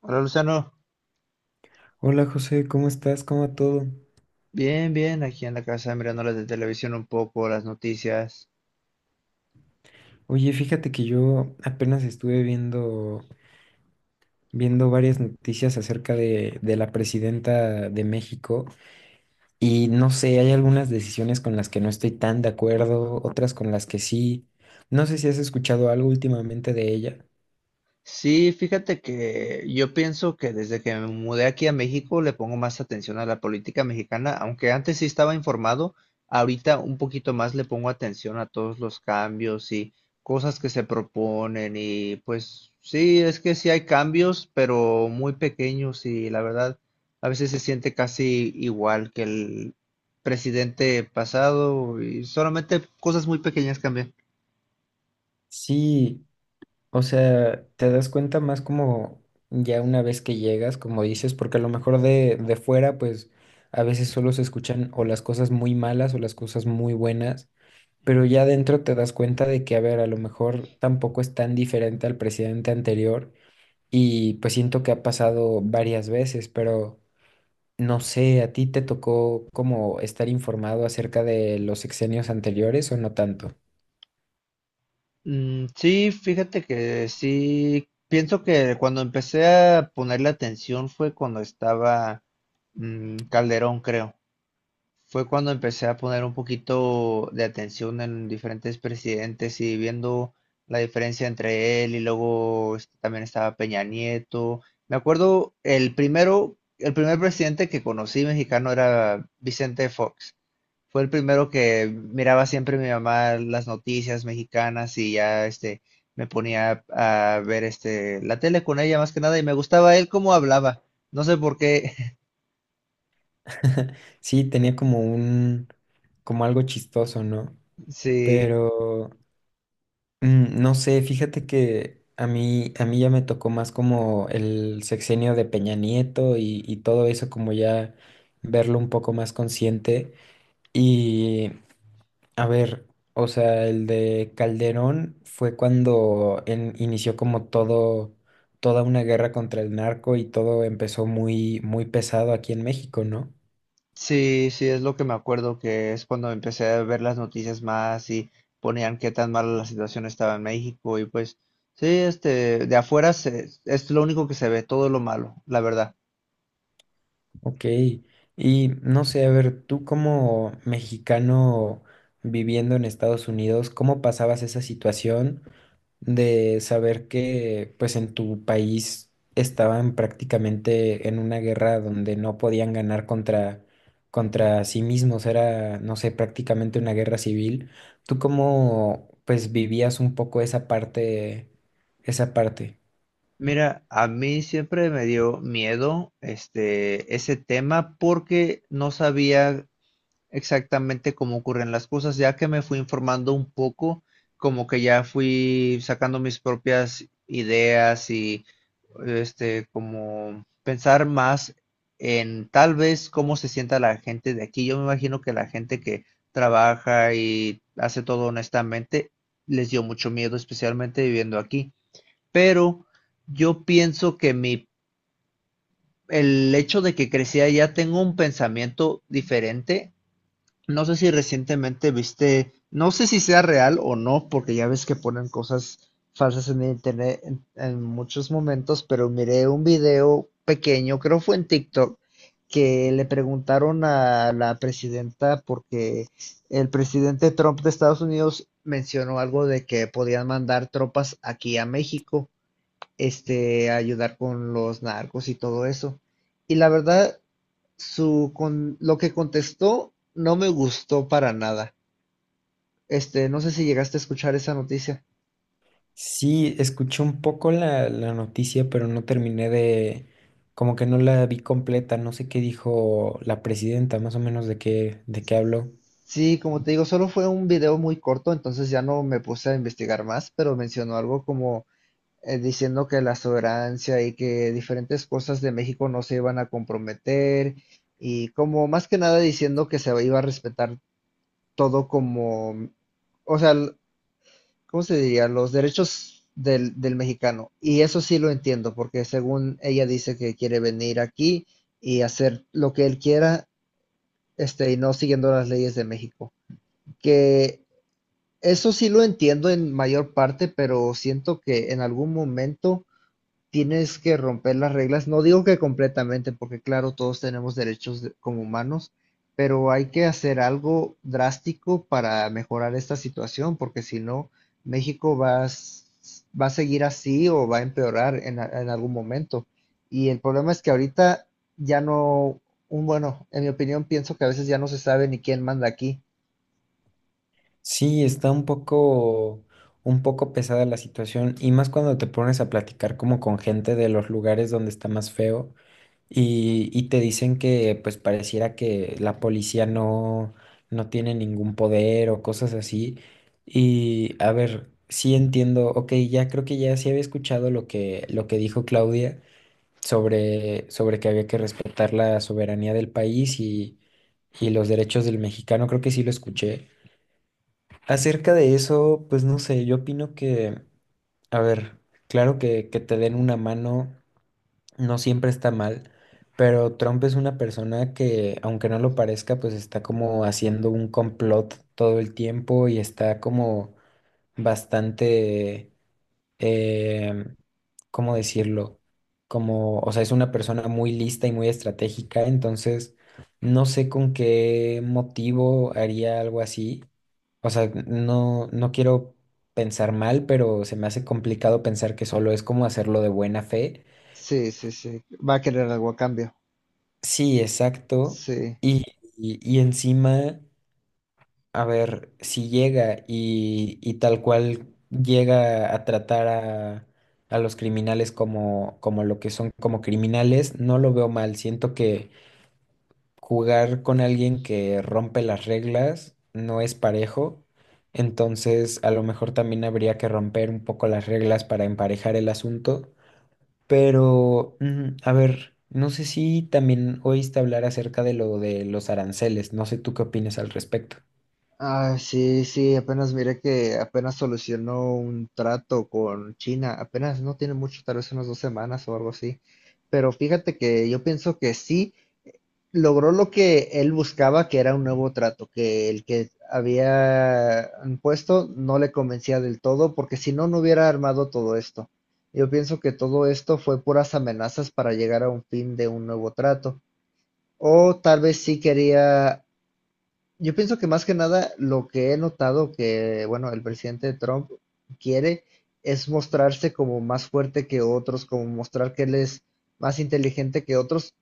Hola Luciano, Hola José, ¿cómo estás? ¿Cómo va todo? bien, bien, aquí en la casa mirando las de televisión un poco, las noticias. Oye, fíjate que yo apenas estuve viendo, viendo varias noticias acerca de la presidenta de México y no sé, hay algunas decisiones con las que no estoy tan de acuerdo, otras con las que sí. No sé si has escuchado algo últimamente de ella. Sí, fíjate que yo pienso que desde que me mudé aquí a México le pongo más atención a la política mexicana, aunque antes sí estaba informado, ahorita un poquito más le pongo atención a todos los cambios y cosas que se proponen y pues sí, es que sí hay cambios, pero muy pequeños y la verdad a veces se siente casi igual que el presidente pasado y solamente cosas muy pequeñas cambian. Sí, o sea, te das cuenta más como ya una vez que llegas, como dices, porque a lo mejor de fuera, pues a veces solo se escuchan o las cosas muy malas o las cosas muy buenas, pero ya adentro te das cuenta de que, a ver, a lo mejor tampoco es tan diferente al presidente anterior y pues siento que ha pasado varias veces, pero no sé, ¿a ti te tocó como estar informado acerca de los sexenios anteriores o no tanto? Mm, sí, fíjate que sí, pienso que cuando empecé a ponerle atención fue cuando estaba Calderón, creo. Fue cuando empecé a poner un poquito de atención en diferentes presidentes y viendo la diferencia entre él y luego este, también estaba Peña Nieto. Me acuerdo el primero, el primer presidente que conocí mexicano era Vicente Fox. Fue el primero que miraba siempre mi mamá las noticias mexicanas y ya este me ponía a ver este la tele con ella más que nada y me gustaba él cómo hablaba. No sé por qué. Sí, tenía como un, como algo chistoso, ¿no? Sí, Pero... No sé, fíjate que a mí ya me tocó más como el sexenio de Peña Nieto y todo eso, como ya verlo un poco más consciente. Y a ver, o sea, el de Calderón fue cuando inició como todo, toda una guerra contra el narco y todo empezó muy pesado aquí en México, ¿no? sí, es lo que me acuerdo que es cuando empecé a ver las noticias más y ponían qué tan mala la situación estaba en México y pues sí, este de afuera se- es lo único que se ve, todo lo malo, la verdad. Ok, y no sé, a ver, tú como mexicano viviendo en Estados Unidos, ¿cómo pasabas esa situación de saber que pues en tu país estaban prácticamente en una guerra donde no podían ganar contra sí mismos? Era, no sé, prácticamente una guerra civil. ¿Tú cómo pues vivías un poco esa parte? Mira, a mí siempre me dio miedo este ese tema porque no sabía exactamente cómo ocurren las cosas. Ya que me fui informando un poco, como que ya fui sacando mis propias ideas y este como pensar más en tal vez cómo se sienta la gente de aquí. Yo me imagino que la gente que trabaja y hace todo honestamente les dio mucho miedo, especialmente viviendo aquí pero yo pienso que mi, el hecho de que crecí allá tengo un pensamiento diferente. No sé si recientemente viste, no sé si sea real o no, porque ya ves que ponen cosas falsas en internet en muchos momentos, pero miré un video pequeño, creo fue en TikTok, que le preguntaron a la presidenta porque el presidente Trump de Estados Unidos mencionó algo de que podían mandar tropas aquí a México este, ayudar con los narcos y todo eso. Y la verdad, su, con, lo que contestó no me gustó para nada. Este, no sé si llegaste a escuchar esa noticia. Sí, escuché un poco la noticia, pero no terminé de, como que no la vi completa, no sé qué dijo la presidenta, más o menos de qué habló. Sí, como te digo, solo fue un video muy corto, entonces ya no me puse a investigar más, pero mencionó algo como diciendo que la soberanía y que diferentes cosas de México no se iban a comprometer y como más que nada diciendo que se iba a respetar todo como, o sea, l- ¿cómo se diría? Los derechos del mexicano. Y eso sí lo entiendo, porque según ella dice que quiere venir aquí y hacer lo que él quiera, este, y no siguiendo las leyes de México. Que eso sí lo entiendo en mayor parte, pero siento que en algún momento tienes que romper las reglas. No digo que completamente, porque claro, todos tenemos derechos de- como humanos, pero hay que hacer algo drástico para mejorar esta situación, porque si no, México va a, s- va a seguir así o va a empeorar en, a- en algún momento. Y el problema es que ahorita ya no, un bueno, en mi opinión, pienso que a veces ya no se sabe ni quién manda aquí. Sí, está un poco pesada la situación, y más cuando te pones a platicar como con gente de los lugares donde está más feo. Y te dicen que pues pareciera que la policía no, no tiene ningún poder o cosas así. Y a ver, sí entiendo, ok, ya creo que ya sí había escuchado lo que dijo Claudia sobre, sobre que había que respetar la soberanía del país y los derechos del mexicano, creo que sí lo escuché. Acerca de eso, pues no sé, yo opino que, a ver, claro que te den una mano no siempre está mal, pero Trump es una persona que, aunque no lo parezca, pues está como haciendo un complot todo el tiempo y está como bastante, eh, ¿cómo decirlo? Como, o sea, es una persona muy lista y muy estratégica, entonces no sé con qué motivo haría algo así. O sea, no, no quiero pensar mal, pero se me hace complicado pensar que solo es como hacerlo de buena fe. Sí, va a querer algo a cambio. Sí, exacto. Sí. Y, y encima, a ver, si llega y tal cual llega a tratar a los criminales como, como lo que son, como criminales, no lo veo mal. Siento que jugar con alguien que rompe las reglas no es parejo. Entonces, a lo mejor también habría que romper un poco las reglas para emparejar el asunto. Pero, a ver, no sé si también oíste hablar acerca de lo de los aranceles, no sé tú qué opinas al respecto. Ah, sí, sí, apenas miré que apenas solucionó un trato con China, apenas no tiene mucho, tal vez unas dos semanas o algo así. Pero fíjate que yo pienso que sí logró lo que él buscaba, que era un nuevo trato, que el que había puesto no le convencía del todo, porque si no, no hubiera armado todo esto. Yo pienso que todo esto fue puras amenazas para llegar a un fin de un nuevo trato. O tal vez sí quería yo pienso que más que nada lo que he notado que, bueno, el presidente Trump quiere es mostrarse como más fuerte que otros, como mostrar que él es más inteligente que otros,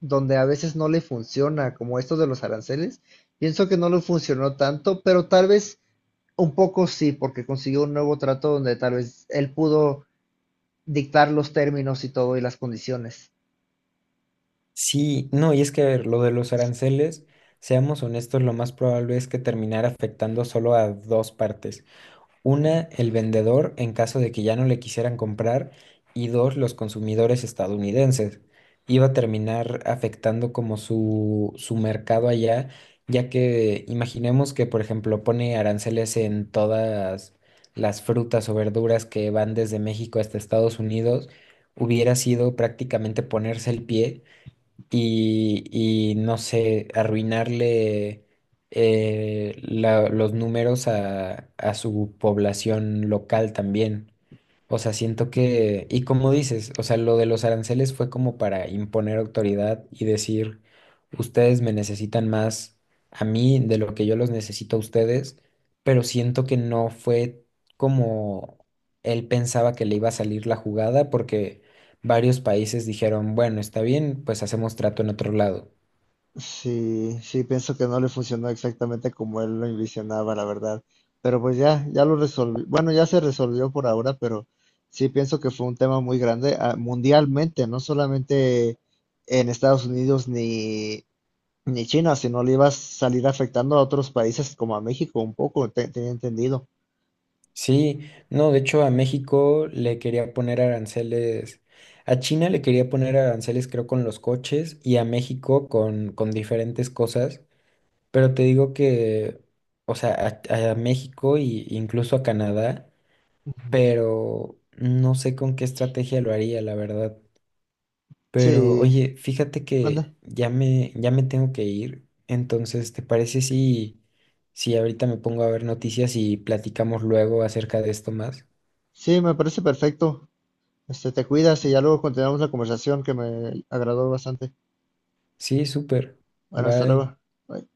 donde a veces no le funciona, como esto de los aranceles. Pienso que no le funcionó tanto, pero tal vez un poco sí, porque consiguió un nuevo trato donde tal vez él pudo dictar los términos y todo y las condiciones. Sí, no, y es que, a ver, lo de los aranceles, seamos honestos, lo más probable es que terminara afectando solo a dos partes. Una, el vendedor en caso de que ya no le quisieran comprar y dos, los consumidores estadounidenses. Iba a terminar afectando como su mercado allá, ya que imaginemos que, por ejemplo, pone aranceles en todas las frutas o verduras que van desde México hasta Estados Unidos, hubiera sido prácticamente ponerse el pie y, no sé, arruinarle los números a su población local también. O sea, siento que, y como dices, o sea, lo de los aranceles fue como para imponer autoridad y decir, ustedes me necesitan más a mí de lo que yo los necesito a ustedes, pero siento que no fue como él pensaba que le iba a salir la jugada porque varios países dijeron, bueno, está bien, pues hacemos trato en otro lado. Sí, sí, pienso que no le funcionó exactamente como él lo envisionaba, la verdad. Pero pues ya, ya lo resolví. Bueno, ya se resolvió por ahora, pero sí pienso que fue un tema muy grande ah, mundialmente, no solamente en Estados Unidos ni China, sino le iba a salir afectando a otros países como a México un poco, te- tenía entendido. Sí, no, de hecho a México le quería poner aranceles, a China le quería poner aranceles creo con los coches y a México con diferentes cosas, pero te digo que, o sea, a México e incluso a Canadá, Ujú. pero no sé con qué estrategia lo haría, la verdad. Pero Sí, oye, fíjate que manda. ya ya me tengo que ir, entonces, ¿te parece si, si ahorita me pongo a ver noticias y platicamos luego acerca de esto más? Sí, me parece perfecto. Este, te cuidas y ya luego continuamos la conversación que me agradó bastante. Sí, súper. Bueno, hasta Bye. luego. Bye.